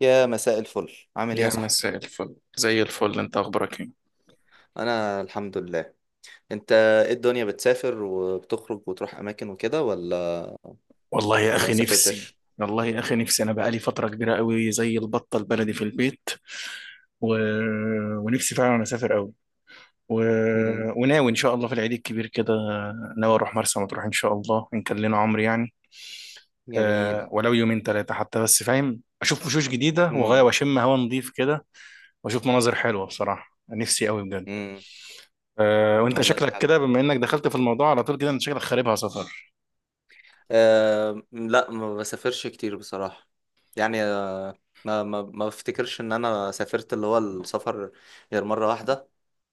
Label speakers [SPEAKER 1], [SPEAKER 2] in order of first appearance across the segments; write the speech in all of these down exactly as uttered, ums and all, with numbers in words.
[SPEAKER 1] يا مساء الفل عامل ايه يا
[SPEAKER 2] يا
[SPEAKER 1] صاحبي؟
[SPEAKER 2] مساء الفل، زي الفل. انت اخبارك ايه؟
[SPEAKER 1] انا الحمد لله. انت ايه الدنيا بتسافر وبتخرج وتروح اماكن وكده ولا
[SPEAKER 2] والله يا
[SPEAKER 1] ولا ما
[SPEAKER 2] اخي نفسي.
[SPEAKER 1] سافرتش؟
[SPEAKER 2] والله يا اخي نفسي، انا بقالي فتره كبيره قوي زي البطه البلدي في البيت. و... ونفسي فعلا اسافر قوي. و...
[SPEAKER 1] امم.
[SPEAKER 2] وناوي ان شاء الله في العيد الكبير كده، ناوي اروح مرسى مطروح ان شاء الله ان كان لنا عمر يعني.
[SPEAKER 1] جميل.
[SPEAKER 2] أه، ولو يومين ثلاثه حتى، بس فاهم، اشوف وشوش جديده وغايه،
[SPEAKER 1] امم.
[SPEAKER 2] واشم هوا نظيف كده، واشوف مناظر حلوه. بصراحه نفسي قوي بجد.
[SPEAKER 1] امم.
[SPEAKER 2] أه، وانت
[SPEAKER 1] والله
[SPEAKER 2] شكلك
[SPEAKER 1] حلو.
[SPEAKER 2] كده، بما انك دخلت في الموضوع على طول كده، انت شكلك خاربها سفر.
[SPEAKER 1] أه، لا ما بسافرش كتير بصراحة. يعني ما ما ما بفتكرش ان انا سافرت اللي هو السفر غير مرة واحدة.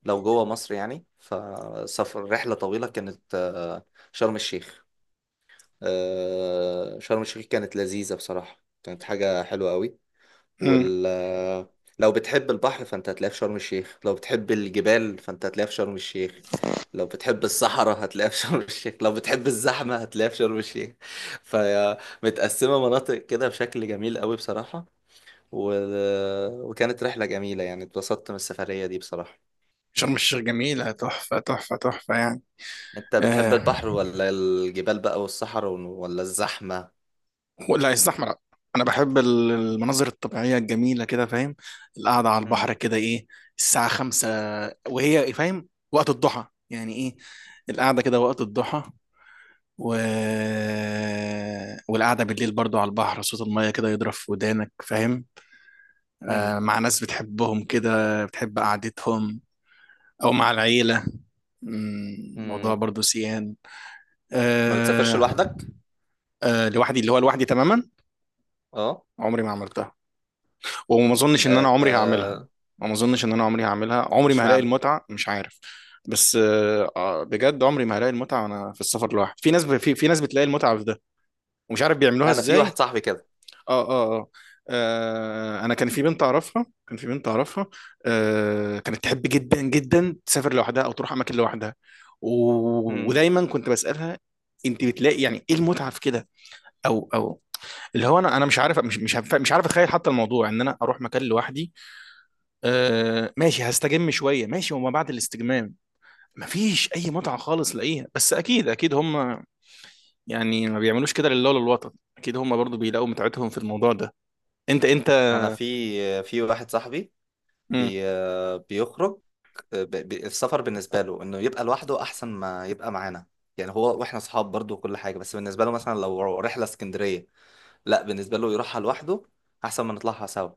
[SPEAKER 1] لو جوه مصر يعني، فسفر رحلة طويلة كانت آه، شرم الشيخ. آه، شرم الشيخ كانت لذيذة بصراحة، كانت حاجة حلوة قوي. وال لو بتحب البحر فانت هتلاقيه في شرم الشيخ، لو بتحب الجبال فانت هتلاقيه في شرم الشيخ، لو بتحب الصحراء هتلاقيها في شرم الشيخ، لو بتحب الزحمة هتلاقيها في شرم الشيخ. فهي متقسمة مناطق كده بشكل جميل قوي بصراحة. و... وكانت رحلة جميلة، يعني اتبسطت من السفرية دي بصراحة.
[SPEAKER 2] شرم الشيخ جميلة، تحفة تحفة تحفة يعني.
[SPEAKER 1] انت بتحب
[SPEAKER 2] آه،
[SPEAKER 1] البحر ولا الجبال بقى، والصحراء ون- ولا الزحمة؟
[SPEAKER 2] ولا يستحمل. أنا بحب ال- المناظر الطبيعية الجميلة كده، فاهم، القعدة على
[SPEAKER 1] مم.
[SPEAKER 2] البحر كده، إيه، الساعة خمسة، وهي فاهم وقت الضحى، يعني إيه القعدة كده وقت الضحى. و... والقعدة بالليل برضو على البحر، صوت المية كده يضرب في ودانك، فاهم،
[SPEAKER 1] مم.
[SPEAKER 2] آه، مع ناس بتحبهم كده، بتحب قعدتهم، أو مع العيلة. مم، موضوع
[SPEAKER 1] مم.
[SPEAKER 2] برضو سيان.
[SPEAKER 1] ما بتسافرش
[SPEAKER 2] آه
[SPEAKER 1] لوحدك؟
[SPEAKER 2] آه، لوحدي، اللي هو لوحدي تماما.
[SPEAKER 1] اه.
[SPEAKER 2] عمري ما عملتها، وما اظنش ان انا
[SPEAKER 1] آه،
[SPEAKER 2] عمري هعملها.
[SPEAKER 1] آه،
[SPEAKER 2] ما اظنش ان انا عمري هعملها، عمري ما هلاقي
[SPEAKER 1] اشمعنى؟
[SPEAKER 2] المتعه، مش عارف. بس آه آه، بجد عمري ما هلاقي المتعه وانا في السفر لوحدي. في ناس ب... في... في ناس بتلاقي المتعه في ده، ومش عارف بيعملوها
[SPEAKER 1] انا في
[SPEAKER 2] ازاي.
[SPEAKER 1] واحد صاحبي كده.
[SPEAKER 2] اه اه اه. آه، انا كان في بنت اعرفها، كان في بنت اعرفها آه، كانت تحب جدا جدا تسافر لوحدها او تروح اماكن لوحدها. و...
[SPEAKER 1] امم.
[SPEAKER 2] ودايما كنت بسالها: انت بتلاقي يعني ايه المتعه في كده؟ او او، اللي هو، انا انا مش عارف، مش مش هف- مش عارف اتخيل حتى الموضوع ان انا اروح مكان لوحدي. آه، ماشي هستجم شويه، ماشي، وما بعد الاستجمام مفيش اي متعه خالص لاقيها. بس اكيد اكيد هم، يعني ما بيعملوش كده لله ولا الوطن، اكيد هم برضو بيلاقوا متعتهم في الموضوع ده. انت انت.
[SPEAKER 1] انا في في واحد صاحبي
[SPEAKER 2] مم.
[SPEAKER 1] بي بيخرج، ب- ب- السفر بالنسبه له انه يبقى لوحده احسن ما يبقى معانا. يعني هو واحنا اصحاب برضو وكل حاجه، بس بالنسبه له مثلا لو رحله اسكندريه، لا بالنسبه له يروحها لوحده احسن ما نطلعها سوا.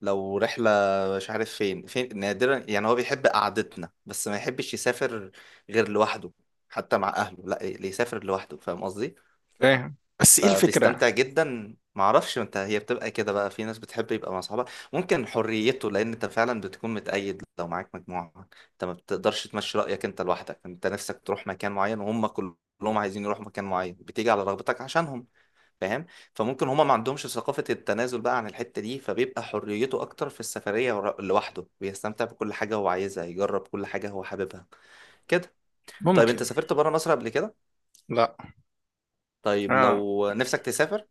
[SPEAKER 1] لو رحله مش عارف فين فين نادرا يعني، هو بيحب قعدتنا بس ما يحبش يسافر غير لوحده، حتى مع اهله لا اللي يسافر لوحده، فاهم قصدي؟
[SPEAKER 2] فاهم بس ايه الفكره؟
[SPEAKER 1] فبيستمتع جدا، معرفش انت هي بتبقى كده بقى، في ناس بتحب يبقى مع صحابها. ممكن حريته، لان انت فعلا بتكون متقيد لو معاك مجموعة، انت ما بتقدرش تمشي رأيك، انت لوحدك انت نفسك تروح مكان معين وهم كلهم عايزين يروحوا مكان معين، بتيجي على رغبتك عشانهم، فاهم؟ فممكن هما ما عندهمش ثقافة التنازل بقى عن الحتة دي، فبيبقى حريته اكتر في السفرية ورا- لوحده، بيستمتع بكل حاجة هو عايزها، يجرب كل حاجة هو حاببها كده. طيب، انت
[SPEAKER 2] ممكن.
[SPEAKER 1] سافرت بره مصر قبل كده؟
[SPEAKER 2] لا.
[SPEAKER 1] طيب،
[SPEAKER 2] اه.
[SPEAKER 1] لو نفسك تسافر،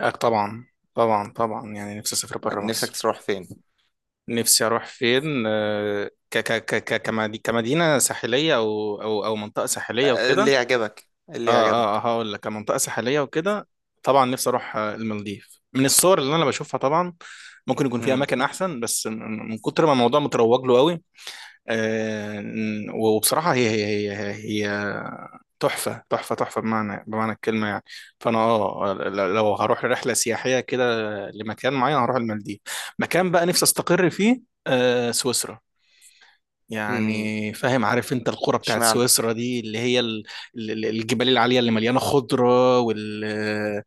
[SPEAKER 2] آه، طبعا، طبعا طبعا، يعني نفسي اسافر بره
[SPEAKER 1] نفسك
[SPEAKER 2] مصر.
[SPEAKER 1] تروح فين؟
[SPEAKER 2] نفسي اروح فين؟ آه، ك ك ك ك- كمدي- كمدينه ساحليه، او او او منطقه ساحليه
[SPEAKER 1] اللي
[SPEAKER 2] وكده.
[SPEAKER 1] يعجبك، اللي
[SPEAKER 2] اه اه، آه،
[SPEAKER 1] يعجبك.
[SPEAKER 2] هقول لك، كمنطقة ساحلية وكده. طبعا نفسي اروح، آه، المالديف. من الصور اللي انا بشوفها، طبعا ممكن يكون في
[SPEAKER 1] امم.
[SPEAKER 2] اماكن احسن، بس من من كتر ما الموضوع متروج له قوي. آه، وبصراحة هي هي هي هي, هي تحفة تحفة تحفة، بمعنى بمعنى الكلمة يعني. فانا، اه ل- لو هروح رحلة سياحية كده لمكان معين، هروح المالديف. مكان بقى نفسي استقر فيه، آه، سويسرا.
[SPEAKER 1] امم.
[SPEAKER 2] يعني فاهم، عارف انت القرى بتاعت
[SPEAKER 1] اشمعنى؟
[SPEAKER 2] سويسرا دي، اللي هي ال- ال- الجبال العالية اللي مليانة خضرة، وال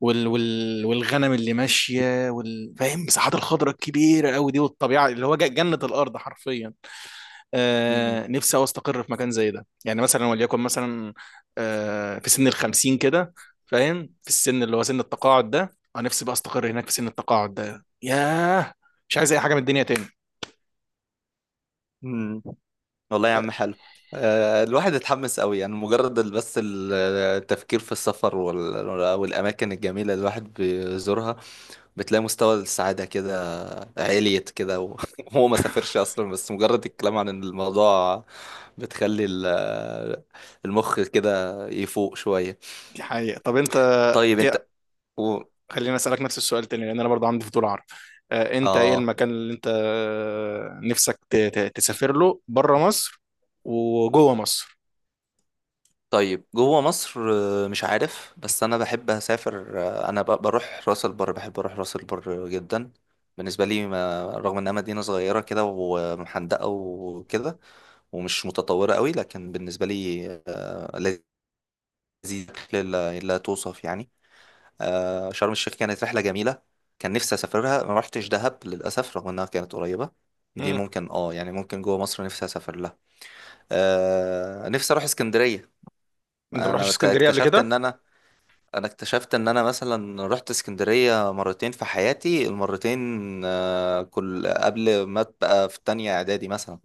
[SPEAKER 2] وال وال والغنم اللي ماشية، وال فاهم، مساحات الخضرة الكبيرة قوي دي، والطبيعة اللي هو ج- جنة الأرض حرفيا.
[SPEAKER 1] مم.
[SPEAKER 2] آه، نفسي أوي أستقر في مكان زي ده، يعني مثلا، وليكن مثلا، آه، في سن الخمسين كده، فاهم، في السن اللي هو سن التقاعد ده. أنا نفسي بقى أستقر هناك في سن التقاعد ده. ياه، مش عايز أي حاجة من الدنيا تاني.
[SPEAKER 1] مم. والله يا عم،
[SPEAKER 2] آه،
[SPEAKER 1] حلو. آه، الواحد اتحمس قوي، يعني مجرد ال- بس ال- التفكير في السفر وال- والأماكن الجميلة اللي الواحد بيزورها، بتلاقي مستوى السعادة كده عليت كده و- وهو ما سافرش أصلا، بس مجرد الكلام عن الموضوع بتخلي ال- المخ كده يفوق شوية.
[SPEAKER 2] دي حقيقة. طب أنت،
[SPEAKER 1] طيب انت
[SPEAKER 2] ايه،
[SPEAKER 1] و...
[SPEAKER 2] خليني اسالك نفس السؤال تاني، لان انا برضه عندي فضول اعرف. آه، انت ايه
[SPEAKER 1] اه
[SPEAKER 2] المكان اللي انت، آه، نفسك ت- ت- تسافر له بره مصر وجوه مصر؟
[SPEAKER 1] طيب جوه مصر. آه، مش عارف، بس انا بحب اسافر، آه، انا ب- بروح راس البر، بحب اروح راس البر جدا. بالنسبه لي، ما رغم انها مدينه صغيره كده ومحندقه وكده، ومش متطوره قوي، لكن بالنسبه لي آه، لذيذ لا لا توصف يعني. آه، شرم الشيخ كانت رحله جميله، كان نفسي اسافرها، ما رحتش دهب للاسف رغم انها كانت قريبه. دي
[SPEAKER 2] مم.
[SPEAKER 1] ممكن اه يعني، ممكن جوه مصر نفسي اسافر لها. آه، نفسي اروح اسكندريه.
[SPEAKER 2] انت ما رحتش
[SPEAKER 1] انا
[SPEAKER 2] اسكندريه قبل
[SPEAKER 1] اكتشفت
[SPEAKER 2] كده؟
[SPEAKER 1] ان انا انا اكتشفت ان انا مثلا رحت اسكندرية مرتين في حياتي، المرتين آه، كل قبل ما ابقى في تانية اعدادي مثلا،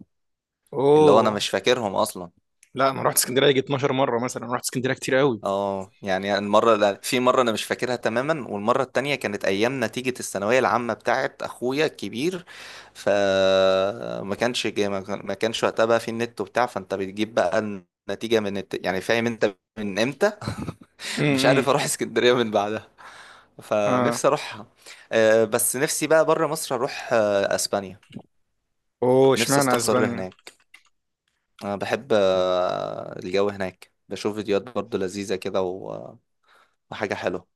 [SPEAKER 1] اللي هو انا
[SPEAKER 2] اوه،
[SPEAKER 1] مش فاكرهم اصلا.
[SPEAKER 2] لا، انا رحت اسكندريه يجي اثنا عشر مره، مثلا رحت اسكندريه كتير قوي.
[SPEAKER 1] اه يعني المرة لا- في مرة انا مش فاكرها تماما، والمرة التانية كانت ايام نتيجة الثانوية العامة بتاعت اخويا الكبير. فما كانش جا- ما كان- ما كانش وقتها بقى في النت وبتاع، فانت بتجيب بقى النتيجة من الت... يعني فاهم انت من امتى مش
[SPEAKER 2] امم،
[SPEAKER 1] عارف اروح اسكندريه من بعدها،
[SPEAKER 2] اه،
[SPEAKER 1] فنفسي اروحها. آه، بس نفسي بقى بره مصر اروح آه، اسبانيا.
[SPEAKER 2] اوه،
[SPEAKER 1] نفسي
[SPEAKER 2] اشمعنى
[SPEAKER 1] استقر
[SPEAKER 2] اسبانيا؟
[SPEAKER 1] هناك. انا بحب آه، الجو هناك، بشوف فيديوهات برضو لذيذه كده و- وحاجه حلوه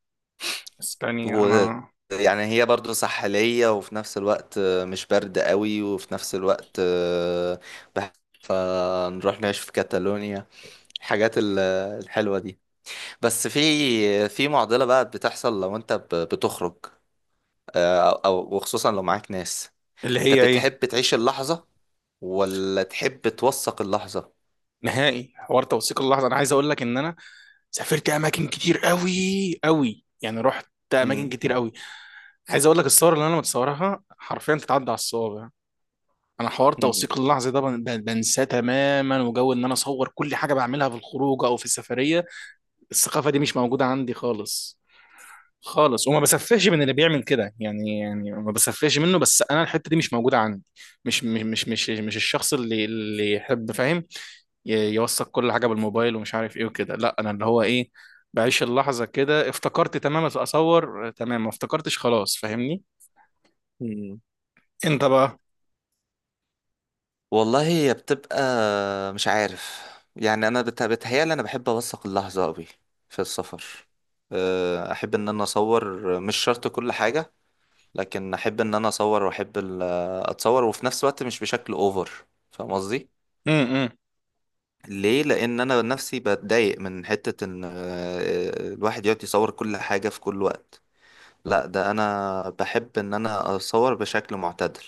[SPEAKER 2] اسبانيا،
[SPEAKER 1] و-
[SPEAKER 2] انا،
[SPEAKER 1] يعني هي برضو ساحليه، وفي نفس الوقت آه، مش برد قوي، وفي نفس الوقت آه، بح- فنروح نعيش في كاتالونيا. الحاجات ال- الحلوه دي. بس في في معضله بقى بتحصل لو انت ب- بتخرج، آه، او وخصوصا لو معاك ناس.
[SPEAKER 2] اللي
[SPEAKER 1] انت
[SPEAKER 2] هي ايه،
[SPEAKER 1] بتحب تعيش اللحظة ولا تحب توثق اللحظة؟
[SPEAKER 2] نهائي حوار توثيق اللحظه. انا عايز اقول لك ان انا سافرت اماكن كتير قوي، قوي يعني، رحت اماكن
[SPEAKER 1] مم.
[SPEAKER 2] كتير قوي. عايز اقول لك، الصور اللي انا متصورها حرفيا تتعدى على الصوابع. انا حوار
[SPEAKER 1] مم.
[SPEAKER 2] توثيق اللحظه ده بن- بن- بنساه تماما، وجو ان انا اصور كل حاجه بعملها في الخروج او في السفريه، الثقافه دي مش موجوده عندي خالص خالص. وما بسفهش من اللي بيعمل كده، يعني يعني ما بسفهش منه، بس انا الحته دي مش موجوده عندي. مش مش مش مش, مش الشخص اللي اللي يحب، فاهم، ي- يوثق كل حاجه بالموبايل ومش عارف ايه وكده. لا، انا اللي هو، ايه، بعيش اللحظه كده، افتكرت تمام اصور، تمام، ما افتكرتش خلاص، فاهمني.
[SPEAKER 1] مم.
[SPEAKER 2] انت بقى؟
[SPEAKER 1] والله، هي بتبقى مش عارف، يعني انا بت- بتهيالي انا بحب اوثق اللحظة قوي في السفر. آه، احب ان انا اصور مش شرط كل حاجة، لكن احب ان انا اصور واحب ال- اتصور، وفي نفس الوقت مش بشكل اوفر، فاهم قصدي؟
[SPEAKER 2] امم.
[SPEAKER 1] ليه، لان انا نفسي بتضايق من حتة ان آه، الواحد يقعد يصور كل حاجة في كل وقت، لا ده انا بحب ان انا اصور بشكل معتدل،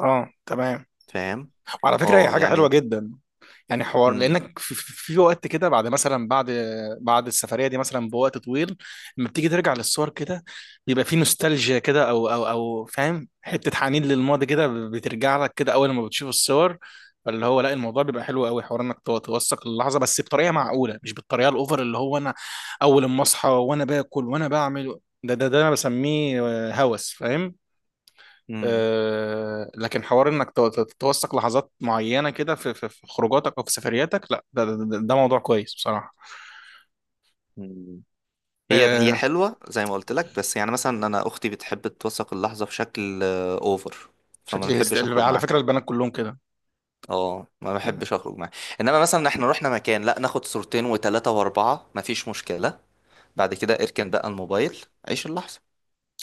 [SPEAKER 2] اه، تمام.
[SPEAKER 1] فاهم؟
[SPEAKER 2] وعلى فكره هي
[SPEAKER 1] اه
[SPEAKER 2] حاجه حلوه
[SPEAKER 1] يعني.
[SPEAKER 2] جدا، يعني حوار
[SPEAKER 1] مم.
[SPEAKER 2] لانك في, في في وقت كده بعد مثلا، بعد بعد السفريه دي مثلا بوقت طويل، لما بتيجي ترجع للصور كده، بيبقى في نوستالجيا كده، او او او فاهم، حته حنين للماضي كده، بترجع لك كده اول ما بتشوف الصور. فاللي هو، لا، الموضوع بيبقى حلو قوي، حوار انك تو- توثق اللحظه، بس بطريقه معقوله، مش بالطريقه الاوفر اللي هو انا اول ما اصحى وانا باكل وانا بعمل. ده ده ده انا بسميه، آه، هوس فاهم.
[SPEAKER 1] مم.
[SPEAKER 2] آه، لكن حوار انك تو- تو- توثق لحظات معينه كده في في في خروجاتك او في سفرياتك، لا، ده, ده, ده ده موضوع كويس بصراحه.
[SPEAKER 1] مم. هي هي
[SPEAKER 2] آه،
[SPEAKER 1] حلوة زي ما قلت لك، بس يعني مثلا انا اختي بتحب توثق اللحظة بشكل اوفر، فما
[SPEAKER 2] شكلي هست...
[SPEAKER 1] بحبش اخرج
[SPEAKER 2] على
[SPEAKER 1] معاها،
[SPEAKER 2] فكره البنات كلهم كده.
[SPEAKER 1] اه ما
[SPEAKER 2] آه،
[SPEAKER 1] بحبش اخرج معاها. انما مثلا احنا رحنا مكان، لا ناخد صورتين وثلاثة واربعة مفيش مشكلة، بعد كده اركن بقى الموبايل، عيش اللحظة.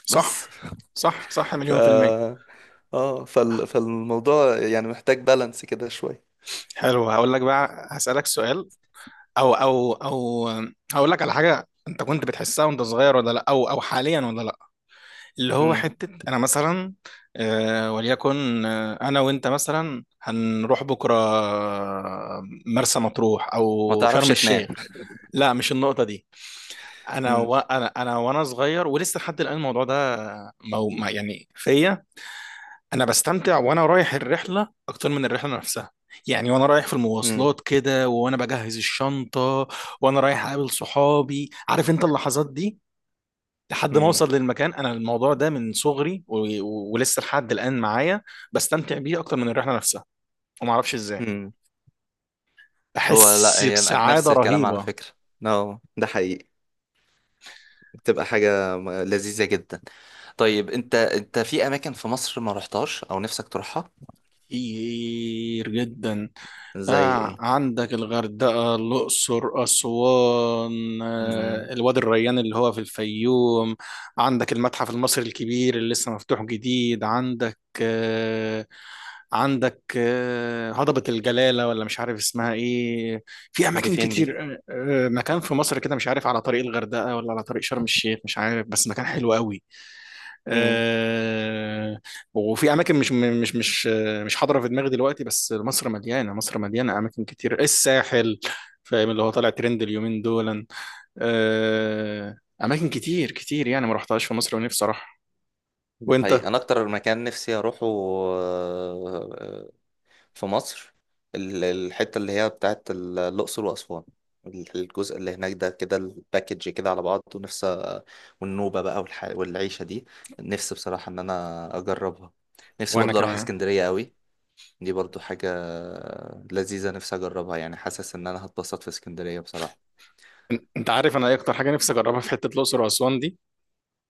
[SPEAKER 2] صح
[SPEAKER 1] بس
[SPEAKER 2] صح صح،
[SPEAKER 1] ف
[SPEAKER 2] مليون في المية.
[SPEAKER 1] اه فال... فالموضوع يعني محتاج بالانس كده شوية.
[SPEAKER 2] حلو، هقول لك بقى، هسألك سؤال، او او او هقول لك على حاجة انت كنت بتحسها وانت صغير ولا لا، او او حاليا ولا لا، اللي هو
[SPEAKER 1] امم.
[SPEAKER 2] حتة أنا مثلا، آه، وليكن، آه، أنا وأنت مثلا هنروح بكرة، آه، مرسى مطروح
[SPEAKER 1] ما
[SPEAKER 2] أو
[SPEAKER 1] تعرفش
[SPEAKER 2] شرم
[SPEAKER 1] تنام.
[SPEAKER 2] الشيخ. لا، مش النقطة دي. أنا
[SPEAKER 1] امم.
[SPEAKER 2] و... أنا أنا وأنا صغير ولسه لحد الآن الموضوع ده، مو... ما- يعني فيا، أنا بستمتع وأنا رايح الرحلة أكتر من الرحلة نفسها، يعني وأنا رايح في
[SPEAKER 1] امم.
[SPEAKER 2] المواصلات كده، وأنا بجهز الشنطة، وأنا رايح أقابل صحابي، عارف أنت اللحظات دي، لحد ما
[SPEAKER 1] امم.
[SPEAKER 2] اوصل للمكان. انا الموضوع ده من صغري و... و... ولسه لحد الان معايا، بستمتع بيه اكتر من الرحله نفسها، وما اعرفش ازاي،
[SPEAKER 1] امم. هو لا،
[SPEAKER 2] بحس
[SPEAKER 1] هي
[SPEAKER 2] بسعاده
[SPEAKER 1] نفس الكلام على
[SPEAKER 2] رهيبه.
[SPEAKER 1] فكرة. نو، ده حقيقي. بتبقى حاجة م- لذيذة جدا. طيب، انت انت في اماكن في مصر ما رحتهاش او نفسك تروحها؟
[SPEAKER 2] كتير جدا.
[SPEAKER 1] زي
[SPEAKER 2] آه،
[SPEAKER 1] ايه؟
[SPEAKER 2] عندك الغردقه، الاقصر، اسوان،
[SPEAKER 1] امم.
[SPEAKER 2] آه، الوادي الريان اللي هو في الفيوم، عندك المتحف المصري الكبير اللي لسه مفتوح جديد، عندك، آه، عندك، آه، هضبة الجلالة ولا مش عارف اسمها ايه. في
[SPEAKER 1] دي
[SPEAKER 2] اماكن
[SPEAKER 1] فين دي؟
[SPEAKER 2] كتير. آه، آه، مكان في مصر كده مش عارف على طريق الغردقة ولا على طريق شرم الشيخ، مش عارف، بس مكان حلو قوي.
[SPEAKER 1] امم.
[SPEAKER 2] آه، وفي اماكن مش مش مش آه، مش حاضرة في دماغي دلوقتي، بس مصر مليانة. مصر مليانة اماكن كتير. الساحل، فاهم، اللي هو طالع ترند اليومين دول، آه، اماكن كتير كتير يعني ما رحتهاش في مصر ونفسي اروح.
[SPEAKER 1] ده
[SPEAKER 2] وانت؟
[SPEAKER 1] حقيقي، انا اكتر مكان نفسي اروحه آه، في مصر ال- الحتة اللي هي بتاعت ال- الأقصر وأسوان، ال- الجزء اللي هناك ده كده الباكج كده على بعض، ونفسي والنوبة بقى والح... والعيشة دي، نفسي بصراحة إن أنا أجربها. نفسي
[SPEAKER 2] وانا
[SPEAKER 1] برضه أروح
[SPEAKER 2] كمان.
[SPEAKER 1] اسكندرية قوي، دي برضه حاجة لذيذة نفسي أجربها، يعني حاسس إن أنا هتبسط في اسكندرية بصراحة.
[SPEAKER 2] انت عارف انا ايه اكتر حاجه نفسي اجربها في حته الاقصر واسوان دي؟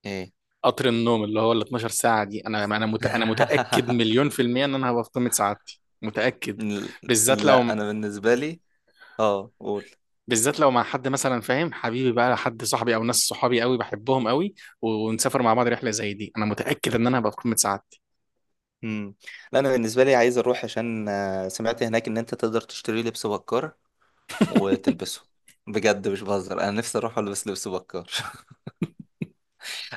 [SPEAKER 1] إيه؟
[SPEAKER 2] قطر النوم اللي هو ال اتناشر ساعة دي. انا انا مت... انا متأكد مليون في المية ان انا هبقى في قمة سعادتي، متأكد.
[SPEAKER 1] ل-
[SPEAKER 2] بالذات
[SPEAKER 1] لا،
[SPEAKER 2] لو
[SPEAKER 1] أنا بالنسبة لي آه قول.
[SPEAKER 2] بالذات لو مع حد مثلا، فاهم حبيبي بقى، حد صاحبي او ناس صحابي قوي بحبهم قوي، و- ونسافر مع بعض رحلة زي دي، انا متأكد ان انا هبقى في قمة سعادتي.
[SPEAKER 1] مم. لا، انا بالنسبه لي عايز اروح عشان آه، سمعت هناك ان انت تقدر تشتري لبس بكار وتلبسه، بجد مش بهزر، انا نفسي اروح البس لبس بكار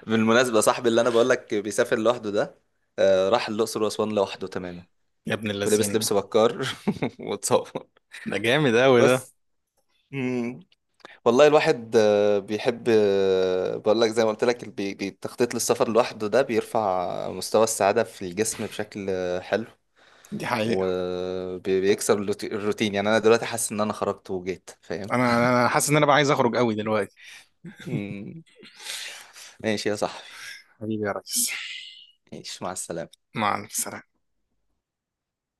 [SPEAKER 1] بالمناسبه، صاحبي اللي انا بقول لك بيسافر لوحده ده آه، راح الاقصر واسوان لوحده تماما.
[SPEAKER 2] يا ابن
[SPEAKER 1] ولبس
[SPEAKER 2] اللذين،
[SPEAKER 1] لبس بكار واتصور
[SPEAKER 2] ده جامد قوي ده.
[SPEAKER 1] بس. مم. والله، الواحد آه، بيحب، آه، بقول لك زي ما قلت لك ال- بي- بي- التخطيط للسفر لوحده ده بيرفع مستوى السعاده في الجسم بشكل آه، حلو.
[SPEAKER 2] دي حقيقة.
[SPEAKER 1] وبيكسر الروتين، يعني انا دلوقتي حاسس ان انا خرجت وجيت، فاهم؟
[SPEAKER 2] انا انا أنا حاسس ان انا بقى عايز اخرج قوي دلوقتي.
[SPEAKER 1] مم. ماشي يا صاحبي.
[SPEAKER 2] حبيبي يا ريس.
[SPEAKER 1] ماشي، مع السلامه.
[SPEAKER 2] مع السلامة.